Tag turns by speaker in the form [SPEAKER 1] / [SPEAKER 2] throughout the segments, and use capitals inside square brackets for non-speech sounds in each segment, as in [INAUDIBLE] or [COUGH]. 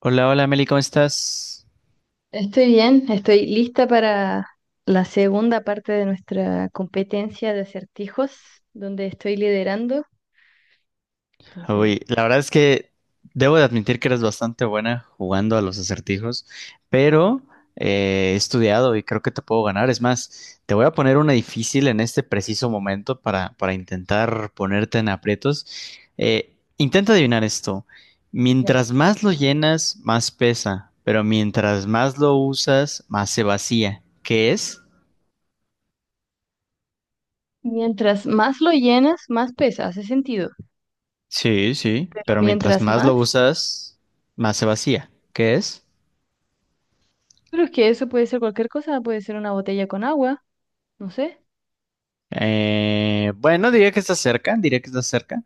[SPEAKER 1] Hola, hola Meli, ¿cómo estás?
[SPEAKER 2] Estoy bien, estoy lista para la segunda parte de nuestra competencia de acertijos, donde estoy liderando. Entonces,
[SPEAKER 1] Uy, la verdad es que debo de admitir que eres bastante buena jugando a los acertijos, pero he estudiado y creo que te puedo ganar. Es más, te voy a poner una difícil en este preciso momento para intentar ponerte en aprietos. Intenta adivinar esto.
[SPEAKER 2] ya.
[SPEAKER 1] Mientras más lo llenas, más pesa, pero mientras más lo usas, más se vacía. ¿Qué es?
[SPEAKER 2] Mientras más lo llenas, más pesa, hace sentido.
[SPEAKER 1] Sí, sí,
[SPEAKER 2] Pero
[SPEAKER 1] pero mientras
[SPEAKER 2] mientras
[SPEAKER 1] más
[SPEAKER 2] más,
[SPEAKER 1] lo usas, más se vacía. ¿Qué es?
[SPEAKER 2] pero es que eso puede ser cualquier cosa, puede ser una botella con agua, no sé.
[SPEAKER 1] Bueno, diría que está cerca, diría que está cerca.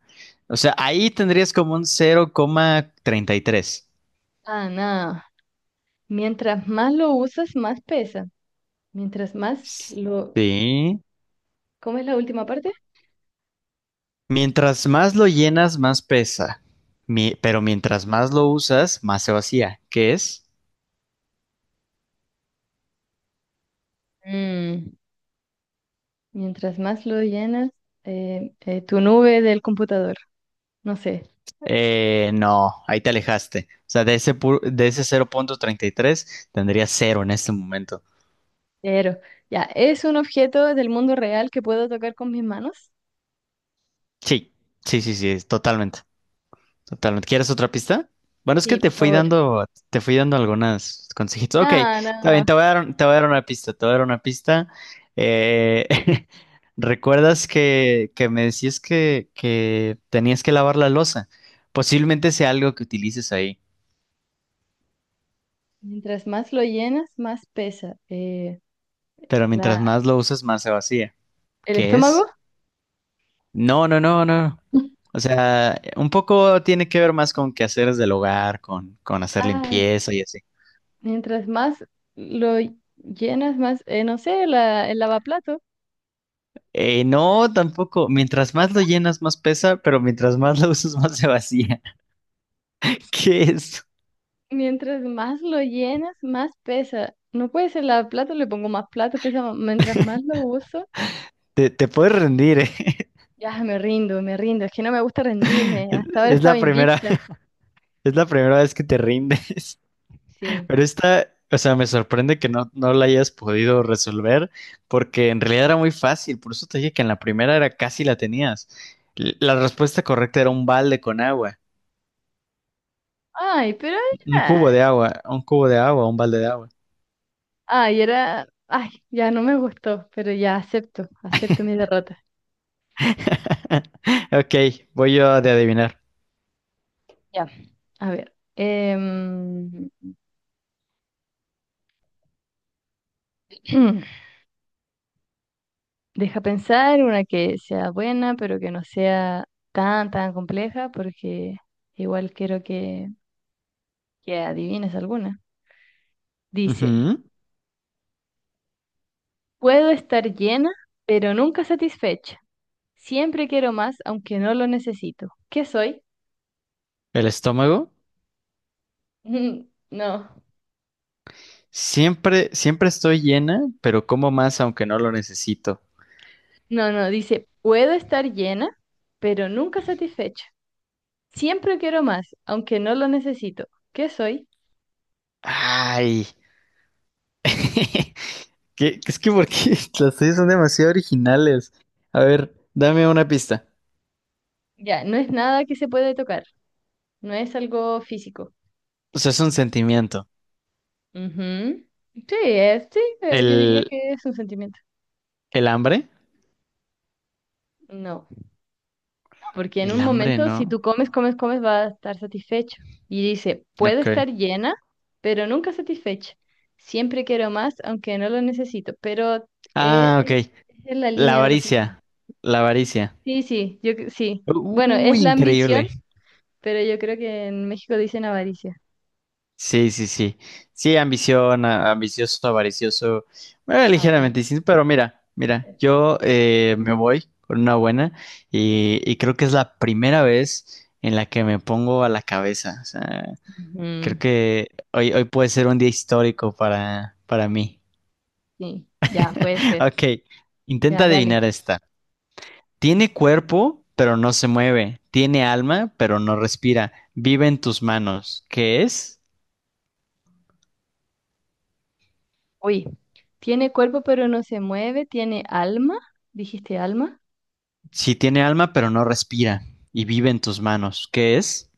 [SPEAKER 1] O sea, ahí tendrías como un 0,33.
[SPEAKER 2] Ah, nada. Mientras más lo usas, más pesa. Mientras más lo...
[SPEAKER 1] Sí.
[SPEAKER 2] ¿Cómo es la última parte?
[SPEAKER 1] Mientras más lo llenas, más pesa. Pero mientras más lo usas, más se vacía. ¿Qué es?
[SPEAKER 2] Mm, Mientras más lo llenas, tu nube del computador, no sé.
[SPEAKER 1] No, ahí te alejaste. O sea, de ese 0,33 tendría cero en este momento.
[SPEAKER 2] Pero, ya, ¿es un objeto del mundo real que puedo tocar con mis manos?
[SPEAKER 1] Sí, sí, sí, sí, totalmente. Totalmente. ¿Quieres otra pista? Bueno, es que
[SPEAKER 2] Sí, por favor.
[SPEAKER 1] te fui dando algunas consejitos. Ok,
[SPEAKER 2] No,
[SPEAKER 1] está bien,
[SPEAKER 2] no.
[SPEAKER 1] te voy a dar una pista, te voy a dar una pista. Eh, [LAUGHS] ¿recuerdas que me decías que tenías que lavar la losa? Posiblemente sea algo que utilices ahí,
[SPEAKER 2] Mientras más lo llenas, más pesa.
[SPEAKER 1] pero mientras
[SPEAKER 2] La,
[SPEAKER 1] más lo usas, más se vacía.
[SPEAKER 2] ¿el
[SPEAKER 1] ¿Qué
[SPEAKER 2] estómago?
[SPEAKER 1] es? No, no, no, no.
[SPEAKER 2] [LAUGHS]
[SPEAKER 1] O sea, un poco tiene que ver más con quehaceres del hogar, con hacer
[SPEAKER 2] Ay,
[SPEAKER 1] limpieza y así.
[SPEAKER 2] mientras más lo llenas, más, no sé, la, el lavaplato.
[SPEAKER 1] No, tampoco. Mientras más lo llenas, más pesa, pero mientras más lo [LAUGHS] usas, más se vacía. [LAUGHS] ¿Qué es?
[SPEAKER 2] Mientras más lo llenas, más pesa. No puede ser lavaplato, le pongo más plato, pesa más. Mientras más lo uso,
[SPEAKER 1] Te puedes rendir, ¿eh? [LAUGHS]
[SPEAKER 2] ya me rindo, me rindo. Es que no me gusta rendirme.
[SPEAKER 1] Es
[SPEAKER 2] Hasta ahora
[SPEAKER 1] es
[SPEAKER 2] estaba
[SPEAKER 1] la primera,
[SPEAKER 2] invicta.
[SPEAKER 1] [LAUGHS] es la primera vez que te rindes. [LAUGHS]
[SPEAKER 2] Sí.
[SPEAKER 1] Pero esta, o sea, me sorprende que no la hayas podido resolver, porque en realidad era muy fácil. Por eso te dije que en la primera era casi la tenías. La respuesta correcta era un balde con agua,
[SPEAKER 2] Ay, pero
[SPEAKER 1] un cubo de
[SPEAKER 2] ya.
[SPEAKER 1] agua, un cubo de agua, un balde de agua.
[SPEAKER 2] Ay, era. Ay, ya no me gustó, pero ya acepto, acepto mi derrota.
[SPEAKER 1] [LAUGHS] Ok, voy yo de adivinar.
[SPEAKER 2] Ya. A ver. [CLEARS THROAT] Deja pensar una que sea buena, pero que no sea tan compleja, porque igual quiero que adivines alguna. Dice:
[SPEAKER 1] Ujú.
[SPEAKER 2] puedo estar llena, pero nunca satisfecha. Siempre quiero más, aunque no lo necesito. ¿Qué soy?
[SPEAKER 1] El estómago.
[SPEAKER 2] [LAUGHS] No,
[SPEAKER 1] Siempre, siempre estoy llena, pero como más aunque no lo necesito.
[SPEAKER 2] no, no. Dice: puedo estar llena, pero nunca satisfecha. Siempre quiero más, aunque no lo necesito. ¿Qué soy?
[SPEAKER 1] Ay. [LAUGHS] ¿Qué- Es que porque [LAUGHS] las tuyas son demasiado originales. A ver, dame una pista.
[SPEAKER 2] Ya, no es nada que se puede tocar, no es algo físico.
[SPEAKER 1] O sea, es un sentimiento.
[SPEAKER 2] Ujú. Sí, es, sí, yo diría
[SPEAKER 1] ¿El,
[SPEAKER 2] que es un sentimiento.
[SPEAKER 1] ¿el hambre?
[SPEAKER 2] No, no, porque en un
[SPEAKER 1] El hambre,
[SPEAKER 2] momento si tú
[SPEAKER 1] no.
[SPEAKER 2] comes, comes, comes, vas a estar satisfecho. Y dice, puedo
[SPEAKER 1] Ok.
[SPEAKER 2] estar llena, pero nunca satisfecha. Siempre quiero más, aunque no lo necesito, pero eh,
[SPEAKER 1] Ah, ok.
[SPEAKER 2] es en la
[SPEAKER 1] La
[SPEAKER 2] línea de los
[SPEAKER 1] avaricia.
[SPEAKER 2] sentimientos.
[SPEAKER 1] La avaricia.
[SPEAKER 2] Sí, sí, yo cre- sí. Bueno, es
[SPEAKER 1] Uy,
[SPEAKER 2] la ambición,
[SPEAKER 1] increíble.
[SPEAKER 2] pero yo creo que en México dicen avaricia.
[SPEAKER 1] Sí, sí, sí. Sí, ambición, ambicioso, avaricioso, bueno,
[SPEAKER 2] La variante.
[SPEAKER 1] ligeramente distinto, pero mira, mira, yo me voy con una buena y creo que es la primera vez en la que me pongo a la cabeza. O sea, creo
[SPEAKER 2] Mm,
[SPEAKER 1] que hoy, hoy puede ser un día histórico para mí.
[SPEAKER 2] sí, ya puede
[SPEAKER 1] [LAUGHS]
[SPEAKER 2] ser.
[SPEAKER 1] Ok, intenta
[SPEAKER 2] Ya, dale.
[SPEAKER 1] adivinar esta. Tiene cuerpo, pero no se mueve. Tiene alma, pero no respira. Vive en tus manos. ¿Qué es?
[SPEAKER 2] Uy, tiene cuerpo pero no se mueve, tiene alma. ¿Dijiste alma?
[SPEAKER 1] Sí tiene alma, pero no respira y vive en tus manos. ¿Qué es?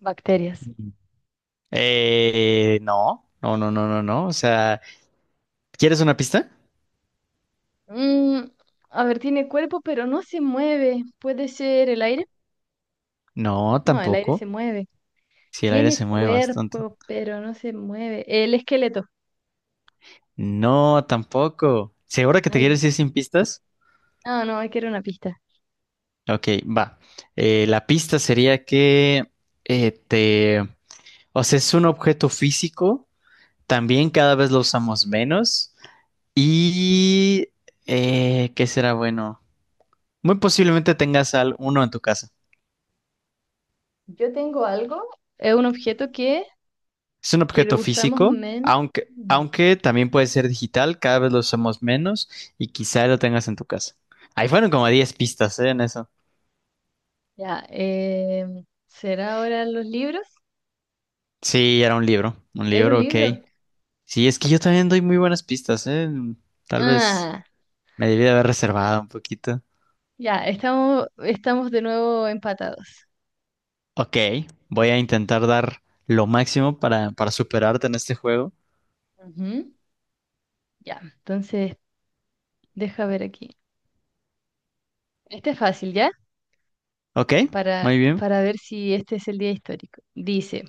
[SPEAKER 2] Bacterias.
[SPEAKER 1] Mm. No, no, no, no, no, no. O sea, ¿quieres una pista?
[SPEAKER 2] Mm, a ver, tiene cuerpo pero no se mueve. ¿Puede ser el aire?
[SPEAKER 1] No,
[SPEAKER 2] No, el aire se
[SPEAKER 1] tampoco.
[SPEAKER 2] mueve.
[SPEAKER 1] Si el aire se
[SPEAKER 2] Tiene
[SPEAKER 1] mueve bastante.
[SPEAKER 2] cuerpo pero no se mueve. El esqueleto.
[SPEAKER 1] No, tampoco. ¿Segura que te
[SPEAKER 2] Ay,
[SPEAKER 1] quieres ir sin pistas?
[SPEAKER 2] no, no, hay que era una pista.
[SPEAKER 1] Ok, va. La pista sería que te... O sea, es un objeto físico. También cada vez lo usamos menos. ¿Y qué será bueno? Muy posiblemente tengas al uno en tu casa.
[SPEAKER 2] Yo tengo algo, es un objeto
[SPEAKER 1] Es un
[SPEAKER 2] que
[SPEAKER 1] objeto
[SPEAKER 2] lo usamos
[SPEAKER 1] físico,
[SPEAKER 2] menos. Mm.
[SPEAKER 1] aunque también puede ser digital, cada vez lo usamos menos y quizá lo tengas en tu casa. Ahí fueron como 10 pistas, ¿eh? En eso.
[SPEAKER 2] Ya, ¿será ahora los libros?
[SPEAKER 1] Sí, era un
[SPEAKER 2] Era un
[SPEAKER 1] libro, ok.
[SPEAKER 2] libro.
[SPEAKER 1] Sí, es que yo también doy muy buenas pistas, ¿eh? Tal vez
[SPEAKER 2] Ah,
[SPEAKER 1] me debí de haber reservado un poquito.
[SPEAKER 2] ya, estamos de nuevo empatados.
[SPEAKER 1] Ok, voy a intentar dar lo máximo para superarte en este juego.
[SPEAKER 2] Ujú, ya, entonces, deja ver aquí. Este es fácil, ¿ya?
[SPEAKER 1] Ok, muy bien.
[SPEAKER 2] Para ver si este es el día histórico. Dice,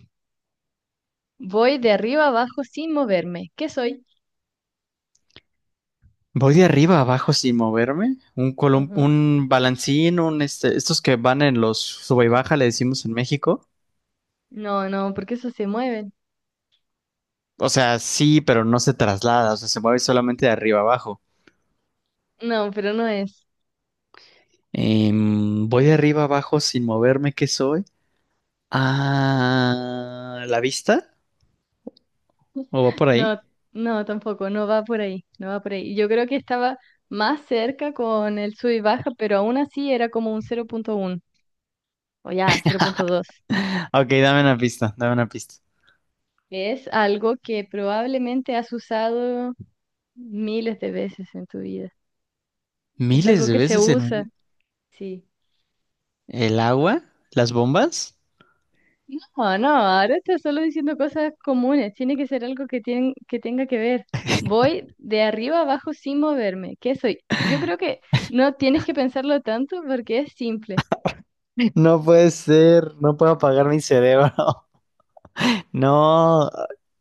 [SPEAKER 2] voy de arriba abajo sin moverme. ¿Qué soy?
[SPEAKER 1] Voy de arriba a abajo sin moverme.
[SPEAKER 2] Ujú.
[SPEAKER 1] Un balancín, un este, estos que van en los sube y baja, le decimos en México.
[SPEAKER 2] No, no, porque eso se mueven.
[SPEAKER 1] O sea, sí, pero no se traslada, o sea, se mueve solamente de arriba a abajo.
[SPEAKER 2] No, pero no es.
[SPEAKER 1] Voy de arriba a abajo sin moverme, ¿qué soy? Ah, ¿la vista? ¿O va por ahí?
[SPEAKER 2] No, no, tampoco, no va por ahí, no va por ahí. Yo creo que estaba más cerca con el sub y baja, pero aún así era como un cero punto uno o ya, cero punto dos.
[SPEAKER 1] [LAUGHS] Ok, dame una pista, dame una pista.
[SPEAKER 2] Es algo que probablemente has usado miles de veces en tu vida. Es
[SPEAKER 1] Miles
[SPEAKER 2] algo
[SPEAKER 1] de
[SPEAKER 2] que se
[SPEAKER 1] veces en un día.
[SPEAKER 2] usa, sí.
[SPEAKER 1] ¿El agua? ¿Las bombas?
[SPEAKER 2] No, no, ahora estás solo diciendo cosas comunes. Tiene que ser algo que, tien- que tenga que ver. Voy de arriba abajo sin moverme. ¿Qué soy? Yo creo que no tienes que pensarlo tanto porque es simple.
[SPEAKER 1] [LAUGHS] No puede ser, no puedo apagar mi cerebro. [LAUGHS] No,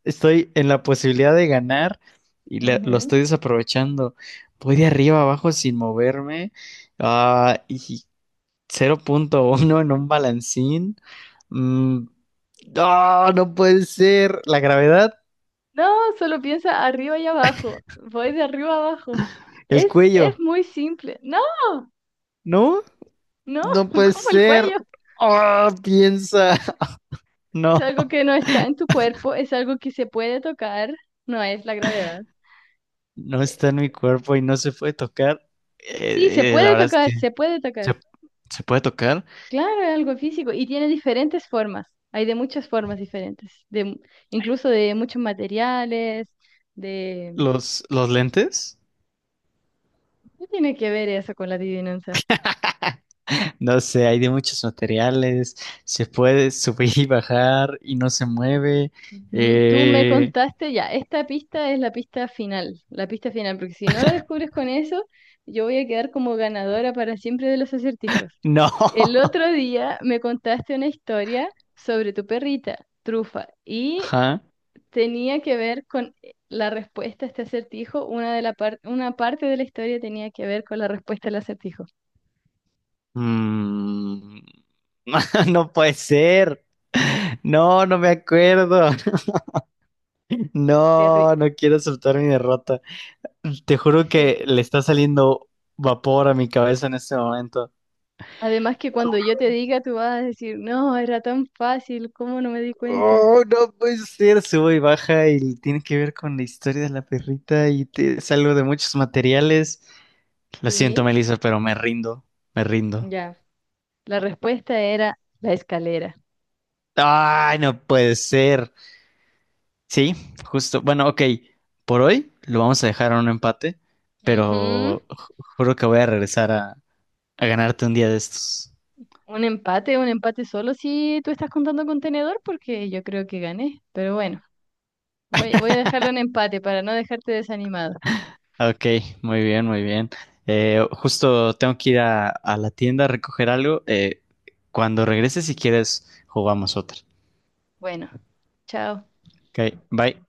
[SPEAKER 1] estoy en la posibilidad de ganar y lo estoy
[SPEAKER 2] Ujú.
[SPEAKER 1] desaprovechando. Voy de arriba abajo sin moverme. Ah, y 0.1 en un balancín. Mm, no, no puede ser. La gravedad,
[SPEAKER 2] No, solo piensa arriba y abajo. Voy de arriba abajo.
[SPEAKER 1] el
[SPEAKER 2] Es
[SPEAKER 1] cuello.
[SPEAKER 2] muy simple. No,
[SPEAKER 1] No,
[SPEAKER 2] no,
[SPEAKER 1] no
[SPEAKER 2] [LAUGHS]
[SPEAKER 1] puede
[SPEAKER 2] como el
[SPEAKER 1] ser.
[SPEAKER 2] cuello.
[SPEAKER 1] Ah, piensa. [LAUGHS]
[SPEAKER 2] Es
[SPEAKER 1] No,
[SPEAKER 2] algo que no está en tu cuerpo, es algo que se puede tocar, no es la gravedad.
[SPEAKER 1] no
[SPEAKER 2] Eh,
[SPEAKER 1] está en mi cuerpo y no se puede tocar.
[SPEAKER 2] Sí, se
[SPEAKER 1] La
[SPEAKER 2] puede
[SPEAKER 1] verdad es
[SPEAKER 2] tocar,
[SPEAKER 1] que
[SPEAKER 2] se puede tocar.
[SPEAKER 1] se, se puede tocar
[SPEAKER 2] Claro, es algo físico y tiene diferentes formas. Hay de muchas formas diferentes, de, mu- incluso de muchos materiales, de...
[SPEAKER 1] los lentes.
[SPEAKER 2] ¿Qué tiene que ver eso con la adivinanza?
[SPEAKER 1] No sé, hay de muchos materiales, se puede subir y bajar y no se mueve.
[SPEAKER 2] Ujú, tú me
[SPEAKER 1] Eh,
[SPEAKER 2] contaste ya, esta pista es la pista final, porque si no lo descubres con eso, yo voy a quedar como ganadora para siempre de los acertijos.
[SPEAKER 1] no.
[SPEAKER 2] El otro
[SPEAKER 1] [LAUGHS]
[SPEAKER 2] día me contaste una historia sobre tu perrita, Trufa, y
[SPEAKER 1] Ajá.
[SPEAKER 2] tenía que ver con la respuesta a este acertijo, una de la par- una parte de la historia tenía que ver con la respuesta al acertijo.
[SPEAKER 1] Mm. [LAUGHS] No puede ser. No, no me acuerdo. [LAUGHS]
[SPEAKER 2] Terri-
[SPEAKER 1] No, no quiero aceptar mi derrota. Te juro
[SPEAKER 2] sí.
[SPEAKER 1] que le está saliendo vapor a mi cabeza en este momento.
[SPEAKER 2] Además que cuando yo te diga, tú vas a decir, no, era tan fácil, ¿cómo no me di cuenta?
[SPEAKER 1] Oh, no puede ser. Subo y baja y tiene que ver con la historia de la perrita y te, es algo de muchos materiales. Lo siento,
[SPEAKER 2] Sí.
[SPEAKER 1] Melissa, pero me rindo, me rindo.
[SPEAKER 2] Ya. La respuesta era la escalera.
[SPEAKER 1] Ay, no puede ser. Sí, justo. Bueno, ok. Por hoy lo vamos a dejar a un empate,
[SPEAKER 2] Ujú.
[SPEAKER 1] pero juro que voy a regresar a ganarte un día de estos.
[SPEAKER 2] Un empate solo si tú estás contando con tenedor, porque yo creo que gané. Pero bueno, voy a dejarlo en empate para no dejarte desanimado.
[SPEAKER 1] Ok, muy bien, muy bien. Justo tengo que ir a la tienda a recoger algo. Cuando regreses, si quieres, jugamos otra.
[SPEAKER 2] Bueno, chao.
[SPEAKER 1] Ok, bye.